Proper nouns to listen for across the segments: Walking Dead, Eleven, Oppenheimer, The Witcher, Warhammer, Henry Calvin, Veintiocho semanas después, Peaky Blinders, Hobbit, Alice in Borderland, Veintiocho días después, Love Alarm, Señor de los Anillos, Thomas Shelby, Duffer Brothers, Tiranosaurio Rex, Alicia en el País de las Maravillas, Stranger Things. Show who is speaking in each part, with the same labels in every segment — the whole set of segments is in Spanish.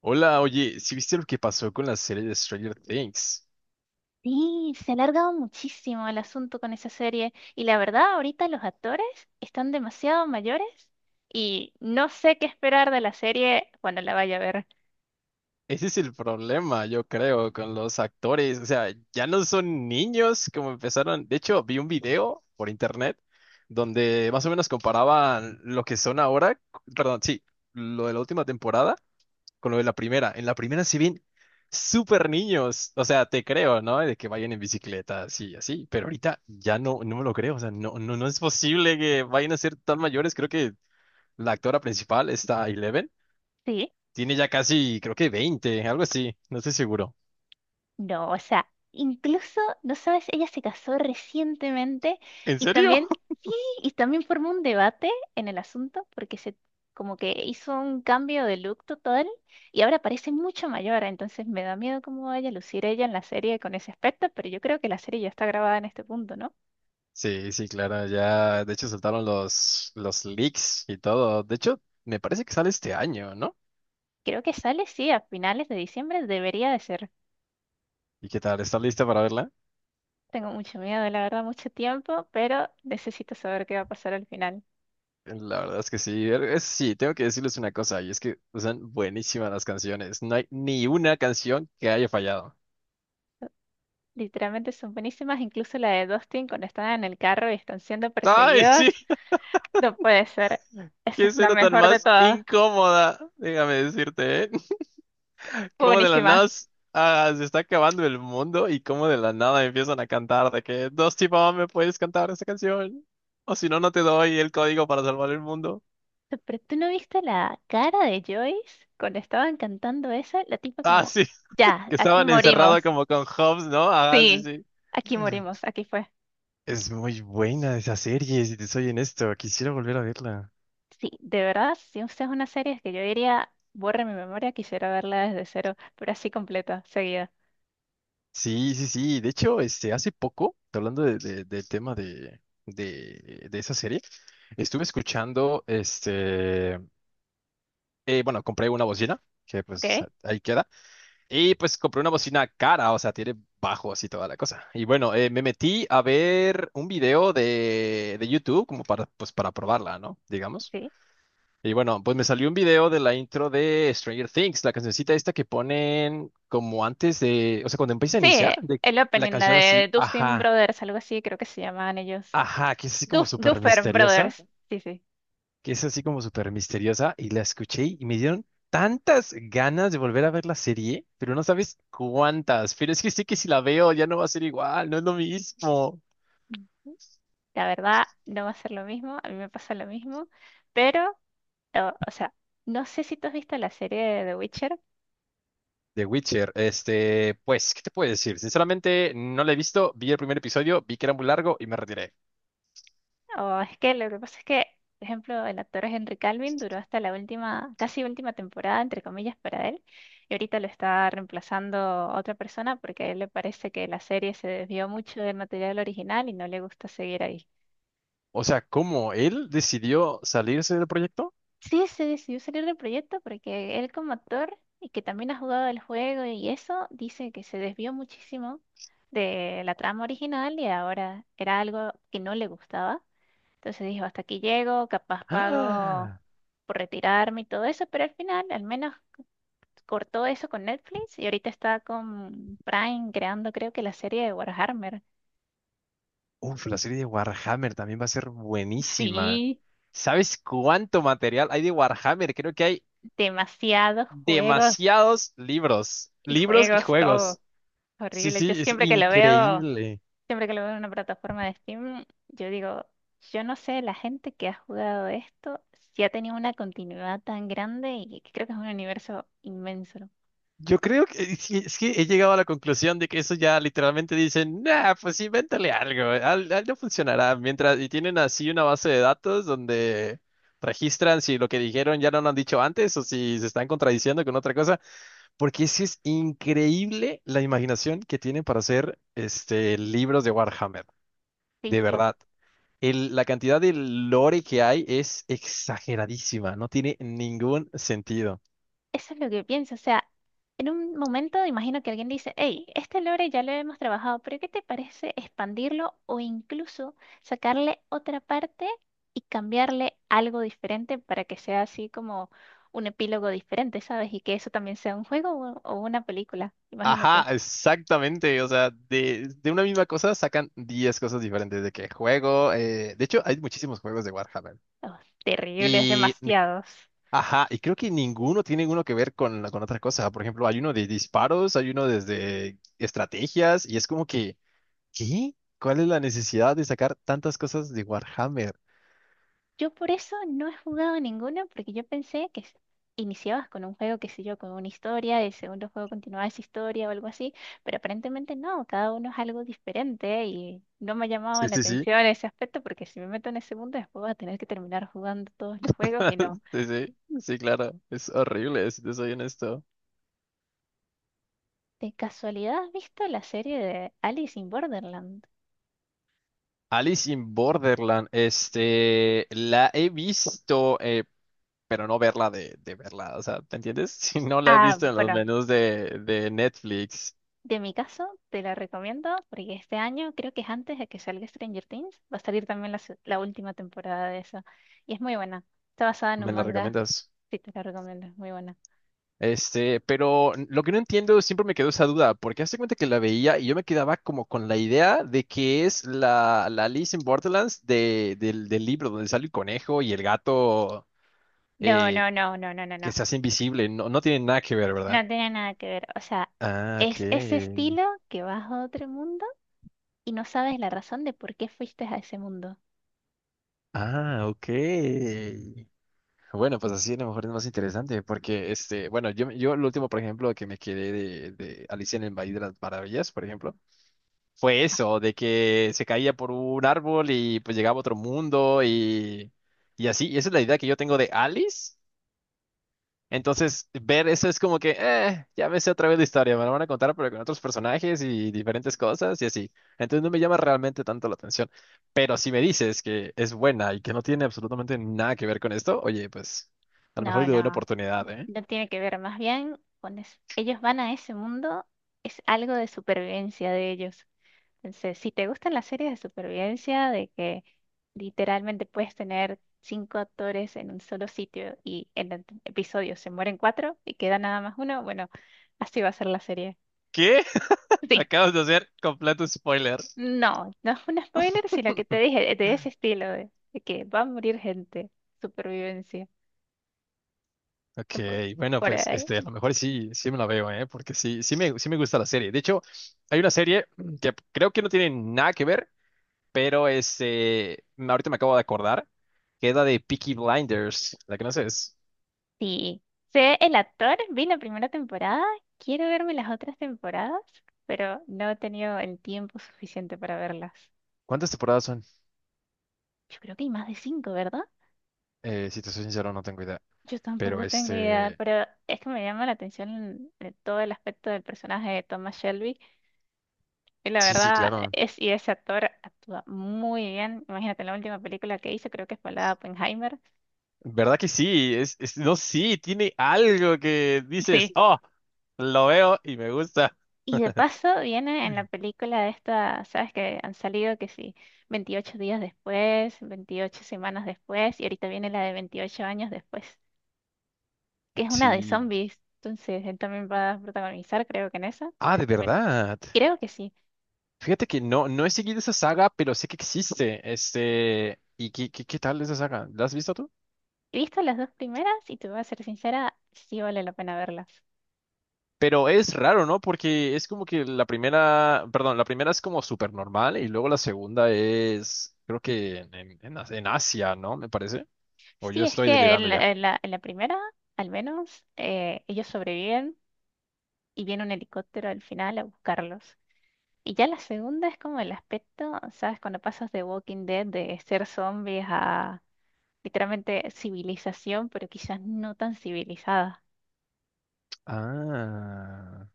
Speaker 1: Hola, oye, ¿sí viste lo que pasó con la serie de Stranger Things?
Speaker 2: Sí, se ha alargado muchísimo el asunto con esa serie y la verdad ahorita los actores están demasiado mayores y no sé qué esperar de la serie cuando la vaya a ver.
Speaker 1: Ese es el problema, yo creo, con los actores. O sea, ya no son niños como empezaron. De hecho, vi un video por internet donde más o menos comparaban lo que son ahora, perdón, sí, lo de la última temporada con lo de la primera. En la primera se ven súper niños. O sea, te creo, ¿no? De que vayan en bicicleta, así, así. Pero ahorita ya no, no me lo creo. O sea, no, no, no es posible que vayan a ser tan mayores. Creo que la actora principal, esta Eleven,
Speaker 2: Sí,
Speaker 1: tiene ya casi, creo que 20, algo así, no estoy seguro.
Speaker 2: no, o sea, incluso, no sabes, ella se casó recientemente
Speaker 1: ¿En
Speaker 2: y
Speaker 1: serio?
Speaker 2: también, sí, y también formó un debate en el asunto porque se como que hizo un cambio de look total y ahora parece mucho mayor, entonces me da miedo cómo vaya a lucir ella en la serie con ese aspecto, pero yo creo que la serie ya está grabada en este punto, ¿no?
Speaker 1: Sí, sí, claro, ya, de hecho soltaron los leaks y todo. De hecho, me parece que sale este año, ¿no?
Speaker 2: Creo que sale, sí, a finales de diciembre debería de ser.
Speaker 1: ¿Y qué tal? ¿Estás lista para verla?
Speaker 2: Tengo mucho miedo, la verdad, mucho tiempo, pero necesito saber qué va a pasar al final.
Speaker 1: La verdad es que sí, sí, tengo que decirles una cosa, y es que son buenísimas las canciones. No hay ni una canción que haya fallado.
Speaker 2: Literalmente son buenísimas, incluso la de Dustin cuando están en el carro y están siendo
Speaker 1: ¡Ay,
Speaker 2: perseguidos.
Speaker 1: sí!
Speaker 2: No puede ser. Esa
Speaker 1: ¡Qué
Speaker 2: es la
Speaker 1: escena tan
Speaker 2: mejor de
Speaker 1: más
Speaker 2: todas.
Speaker 1: incómoda! Déjame decirte, ¿eh?
Speaker 2: Fue
Speaker 1: Como de la nada
Speaker 2: buenísima.
Speaker 1: se está acabando el mundo y como de la nada empiezan a cantar de que dos tipos me puedes cantar esta canción o si no no te doy el código para salvar el mundo.
Speaker 2: Pero tú no viste la cara de Joyce cuando estaban cantando esa, la tipa
Speaker 1: Ah,
Speaker 2: como,
Speaker 1: sí,
Speaker 2: ya,
Speaker 1: que
Speaker 2: aquí
Speaker 1: estaban encerrados
Speaker 2: morimos.
Speaker 1: como con Hobbs, ¿no? Ah, sí,
Speaker 2: Sí,
Speaker 1: sí.
Speaker 2: aquí morimos, aquí fue.
Speaker 1: Es muy buena esa serie, si te soy honesto, quisiera volver a verla.
Speaker 2: Sí, de verdad, si usted es una serie que yo diría, borra mi memoria, quisiera verla desde cero, pero así completa, seguida.
Speaker 1: Sí, sí, sí. De hecho, este, hace poco, hablando del tema de, esa serie, estuve escuchando este bueno, compré una bocina, que
Speaker 2: ¿Ok?
Speaker 1: pues ahí queda. Y pues compré una bocina cara, o sea, tiene bajos y toda la cosa. Y bueno, me metí a ver un video de YouTube como para, pues, para probarla, ¿no? Digamos.
Speaker 2: Sí.
Speaker 1: Y bueno, pues me salió un video de la intro de Stranger Things, la cancioncita esta que ponen como antes de, o sea, cuando empieza a
Speaker 2: Sí,
Speaker 1: iniciar, de
Speaker 2: el
Speaker 1: la
Speaker 2: opening, la
Speaker 1: canción así,
Speaker 2: de Dustin
Speaker 1: ajá,
Speaker 2: Brothers, algo así, creo que se llamaban ellos.
Speaker 1: ajá, que es así como
Speaker 2: Duf-
Speaker 1: súper
Speaker 2: Duffer
Speaker 1: misteriosa,
Speaker 2: Brothers. Sí, sí.
Speaker 1: que es así como súper misteriosa, y la escuché y me dieron tantas ganas de volver a ver la serie, pero no sabes cuántas, pero es que sé que si la veo ya no va a ser igual, no es lo mismo.
Speaker 2: La verdad, no va a ser lo mismo, a mí me pasa lo mismo, pero, o sea, no sé si tú has visto la serie de The Witcher.
Speaker 1: The Witcher, este, pues, ¿qué te puedo decir? Sinceramente, no la he visto, vi el primer episodio, vi que era muy largo y me retiré.
Speaker 2: O es que lo que pasa es que, por ejemplo, el actor Henry Calvin duró hasta la última, casi última temporada, entre comillas, para él. Y ahorita lo está reemplazando otra persona porque a él le parece que la serie se desvió mucho del material original y no le gusta seguir ahí.
Speaker 1: O sea, ¿cómo él decidió salirse del proyecto?
Speaker 2: Sí, se decidió salir del proyecto porque él como actor, y que también ha jugado el juego y eso, dice que se desvió muchísimo de la trama original y ahora era algo que no le gustaba. Entonces dijo, hasta aquí llego, capaz pago
Speaker 1: ¡Ah!
Speaker 2: por retirarme y todo eso, pero al final al menos cortó eso con Netflix y ahorita está con Prime creando creo que la serie de Warhammer.
Speaker 1: Uf, la serie de Warhammer también va a ser buenísima.
Speaker 2: Sí,
Speaker 1: ¿Sabes cuánto material hay de Warhammer? Creo que hay
Speaker 2: demasiados juegos
Speaker 1: demasiados libros,
Speaker 2: y
Speaker 1: libros y
Speaker 2: juegos todo.
Speaker 1: juegos. Sí,
Speaker 2: Horrible. Yo
Speaker 1: sí, es
Speaker 2: siempre que lo veo,
Speaker 1: increíble.
Speaker 2: siempre que lo veo en una plataforma de Steam, yo digo, yo no sé, la gente que ha jugado esto, si ha tenido una continuidad tan grande y creo que es un universo inmenso.
Speaker 1: Yo creo que sí, es que he llegado a la conclusión de que eso ya literalmente dicen, nah, pues invéntale algo, algo funcionará. Mientras, y tienen así una base de datos donde registran si lo que dijeron ya no lo han dicho antes o si se están contradiciendo con otra cosa, porque sí es increíble la imaginación que tienen para hacer este libros de Warhammer,
Speaker 2: Sí,
Speaker 1: de
Speaker 2: yo
Speaker 1: verdad. La cantidad de lore que hay es exageradísima, no tiene ningún sentido.
Speaker 2: eso es lo que pienso, o sea, en un momento imagino que alguien dice, hey, este lore ya lo hemos trabajado, pero ¿qué te parece expandirlo o incluso sacarle otra parte y cambiarle algo diferente para que sea así como un epílogo diferente, ¿sabes? Y que eso también sea un juego o una película,
Speaker 1: Ajá,
Speaker 2: imagínate.
Speaker 1: exactamente. O sea, de, una misma cosa sacan 10 cosas diferentes de qué juego. De hecho, hay muchísimos juegos de Warhammer.
Speaker 2: Oh, terrible, es
Speaker 1: Y,
Speaker 2: demasiados.
Speaker 1: ajá, y creo que ninguno tiene uno que ver con, con otra cosa. Por ejemplo, hay uno de disparos, hay uno desde estrategias, y es como que, ¿qué? ¿Cuál es la necesidad de sacar tantas cosas de Warhammer?
Speaker 2: Yo por eso no he jugado ninguno, porque yo pensé que iniciabas con un juego, qué sé yo, con una historia, el segundo juego continuaba esa historia o algo así, pero aparentemente no, cada uno es algo diferente y no me ha llamado
Speaker 1: Sí,
Speaker 2: la
Speaker 1: sí, sí.
Speaker 2: atención ese aspecto, porque si me meto en el segundo, después voy a tener que terminar jugando todos los juegos y no.
Speaker 1: Sí, sí, sí, claro, es horrible, si te soy honesto.
Speaker 2: ¿De casualidad has visto la serie de Alice in Borderland?
Speaker 1: Alice in Borderland, este, la he visto, pero no verla de, verla, o sea, ¿te entiendes? Si no la he
Speaker 2: Ah,
Speaker 1: visto en los
Speaker 2: bueno,
Speaker 1: menús de Netflix,
Speaker 2: de mi caso, te la recomiendo porque este año, creo que es antes de que salga Stranger Things, va a salir también la última temporada de eso. Y es muy buena. Está basada en un
Speaker 1: ¿me la
Speaker 2: manga.
Speaker 1: recomiendas?
Speaker 2: Sí, te la recomiendo, es muy buena.
Speaker 1: Este, pero lo que no entiendo, siempre me quedó esa duda, porque hace cuenta que la veía y yo me quedaba como con la idea de que es la Alice in Borderlands del libro donde sale el conejo y el gato,
Speaker 2: No,
Speaker 1: eh,
Speaker 2: no, no, no, no, no,
Speaker 1: Que
Speaker 2: no.
Speaker 1: se hace invisible, no, no tiene nada que ver, ¿verdad?
Speaker 2: No tiene nada que ver. O sea,
Speaker 1: Ah, ok.
Speaker 2: es ese estilo que vas a otro mundo y no sabes la razón de por qué fuiste a ese mundo.
Speaker 1: Ah, ok. Bueno, pues así a lo mejor es más interesante, porque este, bueno, yo, lo último, por ejemplo, que me quedé de Alicia en el País de las Maravillas, por ejemplo, fue eso, de que se caía por un árbol y pues llegaba a otro mundo y así. Y esa es la idea que yo tengo de Alice. Entonces, ver eso es como que, ya me sé otra vez la historia, me la van a contar, pero con otros personajes y diferentes cosas y así. Entonces no me llama realmente tanto la atención. Pero si me dices que es buena y que no tiene absolutamente nada que ver con esto, oye, pues a lo mejor
Speaker 2: No,
Speaker 1: le doy una
Speaker 2: no,
Speaker 1: oportunidad, ¿eh?
Speaker 2: no tiene que ver. Más bien, cuando es- ellos van a ese mundo, es algo de supervivencia de ellos. Entonces, si te gustan las series de supervivencia, de que literalmente puedes tener cinco actores en un solo sitio y en el episodio se mueren cuatro y queda nada más uno, bueno, así va a ser la serie.
Speaker 1: ¿Qué?
Speaker 2: Sí,
Speaker 1: Acabas de hacer completo spoiler.
Speaker 2: no, no es un spoiler, sino que te dije de ese estilo, de que va a morir gente, supervivencia.
Speaker 1: Ok,
Speaker 2: Por,
Speaker 1: bueno,
Speaker 2: por
Speaker 1: pues
Speaker 2: ahí.
Speaker 1: este, a lo mejor sí, sí me la veo, ¿eh? Porque sí, sí me, gusta la serie. De hecho, hay una serie que creo que no tiene nada que ver. Pero este, ahorita me acabo de acordar que es la de Peaky Blinders, la que no sé es.
Speaker 2: Sí, sé el actor, vi la primera temporada, quiero verme las otras temporadas, pero no he tenido el tiempo suficiente para verlas.
Speaker 1: ¿Cuántas temporadas son?
Speaker 2: Yo creo que hay más de cinco, ¿verdad?
Speaker 1: Si te soy sincero, no tengo idea.
Speaker 2: Yo
Speaker 1: Pero
Speaker 2: tampoco tengo idea,
Speaker 1: este,
Speaker 2: pero es que me llama la atención todo el aspecto del personaje de Thomas Shelby. Y la
Speaker 1: sí, sí,
Speaker 2: verdad
Speaker 1: claro.
Speaker 2: es, y ese actor actúa muy bien. Imagínate, la última película que hizo creo que fue la de Oppenheimer.
Speaker 1: ¿Verdad que sí? Es, no, sí, tiene algo que dices,
Speaker 2: Sí.
Speaker 1: oh, lo veo y me gusta.
Speaker 2: Y de paso viene en la película esta, ¿sabes? Que han salido que sí, 28 días después, 28 semanas después, y ahorita viene la de 28 años después, que es una de
Speaker 1: Sí.
Speaker 2: zombies. Entonces, él también va a protagonizar, creo que en esa.
Speaker 1: Ah, de
Speaker 2: Entonces, también-
Speaker 1: verdad.
Speaker 2: Creo que sí.
Speaker 1: Fíjate que no, no he seguido esa saga, pero sé que existe. Este, ¿y qué, tal esa saga? ¿La has visto tú?
Speaker 2: He visto las dos primeras y te voy a ser sincera, sí vale la pena verlas.
Speaker 1: Pero es raro, ¿no? Porque es como que la primera, perdón, la primera es como súper normal y luego la segunda es, creo que en Asia, ¿no? Me parece. O
Speaker 2: Sí,
Speaker 1: yo
Speaker 2: es
Speaker 1: estoy
Speaker 2: que en,
Speaker 1: delirando
Speaker 2: la,
Speaker 1: ya.
Speaker 2: en la- en la primera, al menos, ellos sobreviven y viene un helicóptero al final a buscarlos. Y ya la segunda es como el aspecto, ¿sabes? Cuando pasas de Walking Dead, de ser zombies a literalmente civilización, pero quizás no tan civilizada.
Speaker 1: Ah,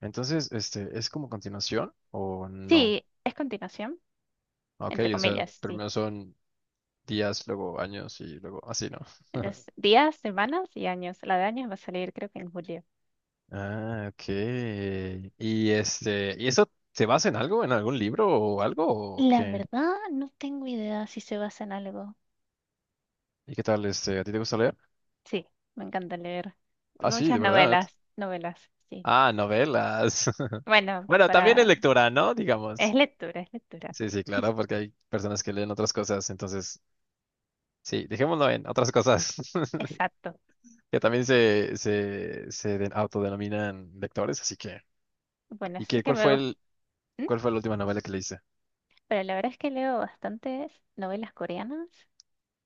Speaker 1: entonces, este, ¿es como continuación o no?
Speaker 2: Sí, es continuación,
Speaker 1: Ok,
Speaker 2: entre
Speaker 1: o sea,
Speaker 2: comillas, sí.
Speaker 1: primero son días, luego años y luego así, ¿no?
Speaker 2: Entonces, días, semanas y años. La de años va a salir creo que en julio.
Speaker 1: Ah, ok. Y este, ¿y eso se basa en algo, en algún libro o algo o
Speaker 2: La
Speaker 1: qué?
Speaker 2: verdad, no tengo idea si se basa en algo.
Speaker 1: ¿Y qué tal, este, a ti te gusta leer?
Speaker 2: Sí, me encanta leer
Speaker 1: Ah, sí,
Speaker 2: muchas
Speaker 1: de verdad.
Speaker 2: novelas, novelas, sí.
Speaker 1: Ah, novelas.
Speaker 2: Bueno,
Speaker 1: Bueno, también es
Speaker 2: para...
Speaker 1: lectura, ¿no?
Speaker 2: Es
Speaker 1: Digamos.
Speaker 2: lectura, es lectura.
Speaker 1: Sí, sí, claro, porque hay personas que leen otras cosas, entonces, sí, dejémoslo en otras cosas,
Speaker 2: Exacto.
Speaker 1: que también se, se autodenominan lectores, así que.
Speaker 2: Bueno,
Speaker 1: ¿Y
Speaker 2: eso
Speaker 1: qué,
Speaker 2: que me gusta. ¿Mm?
Speaker 1: cuál fue la última novela que leíste?
Speaker 2: Pero la verdad es que leo bastantes novelas coreanas.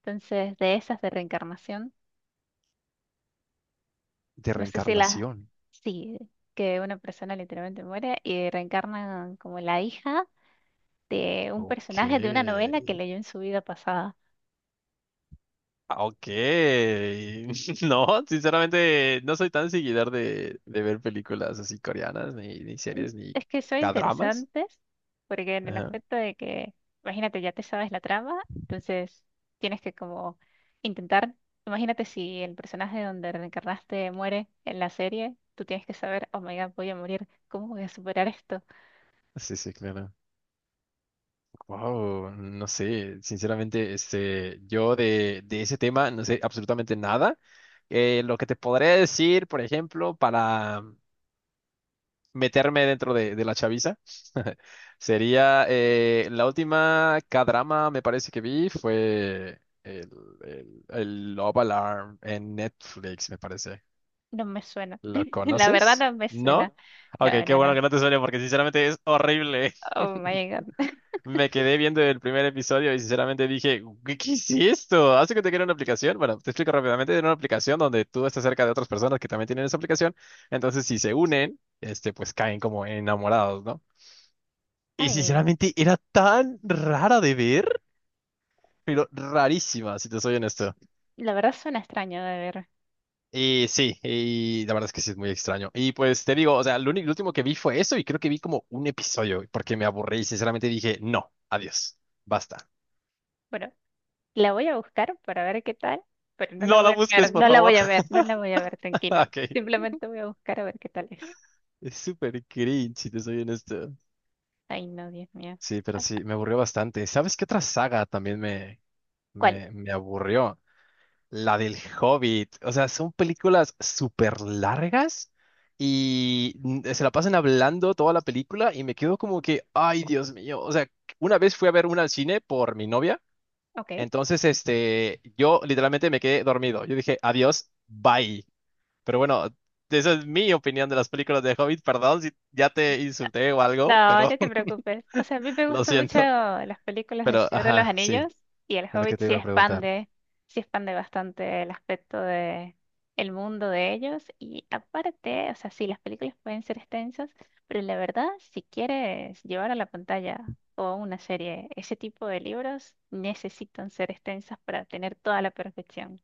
Speaker 2: Entonces, de esas de reencarnación,
Speaker 1: De
Speaker 2: no sé si las...
Speaker 1: reencarnación.
Speaker 2: Sí, que una persona literalmente muere y reencarna como la hija de un
Speaker 1: Ok.
Speaker 2: personaje de una novela que leyó en su vida pasada.
Speaker 1: Ah, ok. No, sinceramente no soy tan seguidor de, ver películas así coreanas, ni series, ni
Speaker 2: Es que son
Speaker 1: cadramas.
Speaker 2: interesantes, porque en el
Speaker 1: Ajá.
Speaker 2: aspecto de que, imagínate, ya te sabes la trama, entonces tienes que como intentar, imagínate si el personaje donde reencarnaste muere en la serie, tú tienes que saber, oh my God, voy a morir, ¿cómo voy a superar esto?
Speaker 1: Sí, sí, claro. Wow, no sé, sinceramente, este, yo de ese tema no sé absolutamente nada. Lo que te podría decir, por ejemplo, para meterme dentro de, la chaviza. Sería la última K-drama, me parece que vi, fue el Love Alarm en Netflix, me parece.
Speaker 2: No me suena,
Speaker 1: ¿Lo
Speaker 2: la verdad
Speaker 1: conoces?
Speaker 2: no me
Speaker 1: ¿No?
Speaker 2: suena,
Speaker 1: Ok,
Speaker 2: no,
Speaker 1: qué
Speaker 2: no,
Speaker 1: bueno
Speaker 2: no,
Speaker 1: que no te suene porque sinceramente es horrible.
Speaker 2: oh my God,
Speaker 1: Me quedé viendo el primer episodio y sinceramente dije, ¿qué es esto? ¿Hace que te quiera una aplicación? Bueno, te explico rápidamente, era una aplicación donde tú estás cerca de otras personas que también tienen esa aplicación, entonces si se unen, este, pues caen como enamorados, ¿no? Y
Speaker 2: ay,
Speaker 1: sinceramente era tan rara de ver, pero rarísima, si te soy honesto.
Speaker 2: la verdad suena extraño de ver,
Speaker 1: Y sí, y la verdad es que sí es muy extraño. Y pues te digo, o sea, lo único, lo último que vi fue eso y creo que vi como un episodio porque me aburrí y sinceramente dije, no, adiós, basta.
Speaker 2: bueno, la voy a buscar para ver qué tal, pero no la
Speaker 1: No la
Speaker 2: voy a
Speaker 1: busques,
Speaker 2: ver,
Speaker 1: por
Speaker 2: no la
Speaker 1: favor.
Speaker 2: voy a ver, no la voy a ver, tranquilo.
Speaker 1: Ok,
Speaker 2: Simplemente voy a buscar a ver qué tal es.
Speaker 1: es súper cringe, si te soy honesto.
Speaker 2: Ay, no, Dios mío.
Speaker 1: Sí, pero
Speaker 2: Ah,
Speaker 1: sí, me aburrió bastante. ¿Sabes qué otra saga también me,
Speaker 2: ¿cuál?
Speaker 1: me aburrió? La del Hobbit. O sea, son películas súper largas y se la pasan hablando toda la película y me quedo como que, ay, Dios mío. O sea, una vez fui a ver una al cine por mi novia.
Speaker 2: Ok.
Speaker 1: Entonces, este, yo literalmente me quedé dormido. Yo dije, adiós, bye. Pero bueno, esa es mi opinión de las películas de Hobbit. Perdón si ya te insulté o algo,
Speaker 2: No,
Speaker 1: pero
Speaker 2: no te preocupes. O sea, a mí me
Speaker 1: lo
Speaker 2: gustan mucho
Speaker 1: siento.
Speaker 2: las películas del
Speaker 1: Pero,
Speaker 2: Señor de los
Speaker 1: ajá, sí,
Speaker 2: Anillos y el
Speaker 1: es lo que
Speaker 2: Hobbit
Speaker 1: te iba a preguntar.
Speaker 2: sí expande bastante el aspecto de el mundo de ellos y aparte, o sea, sí, las películas pueden ser extensas, pero la verdad, si quieres llevar a la pantalla o a una serie ese tipo de libros, necesitan ser extensas para tener toda la perfección.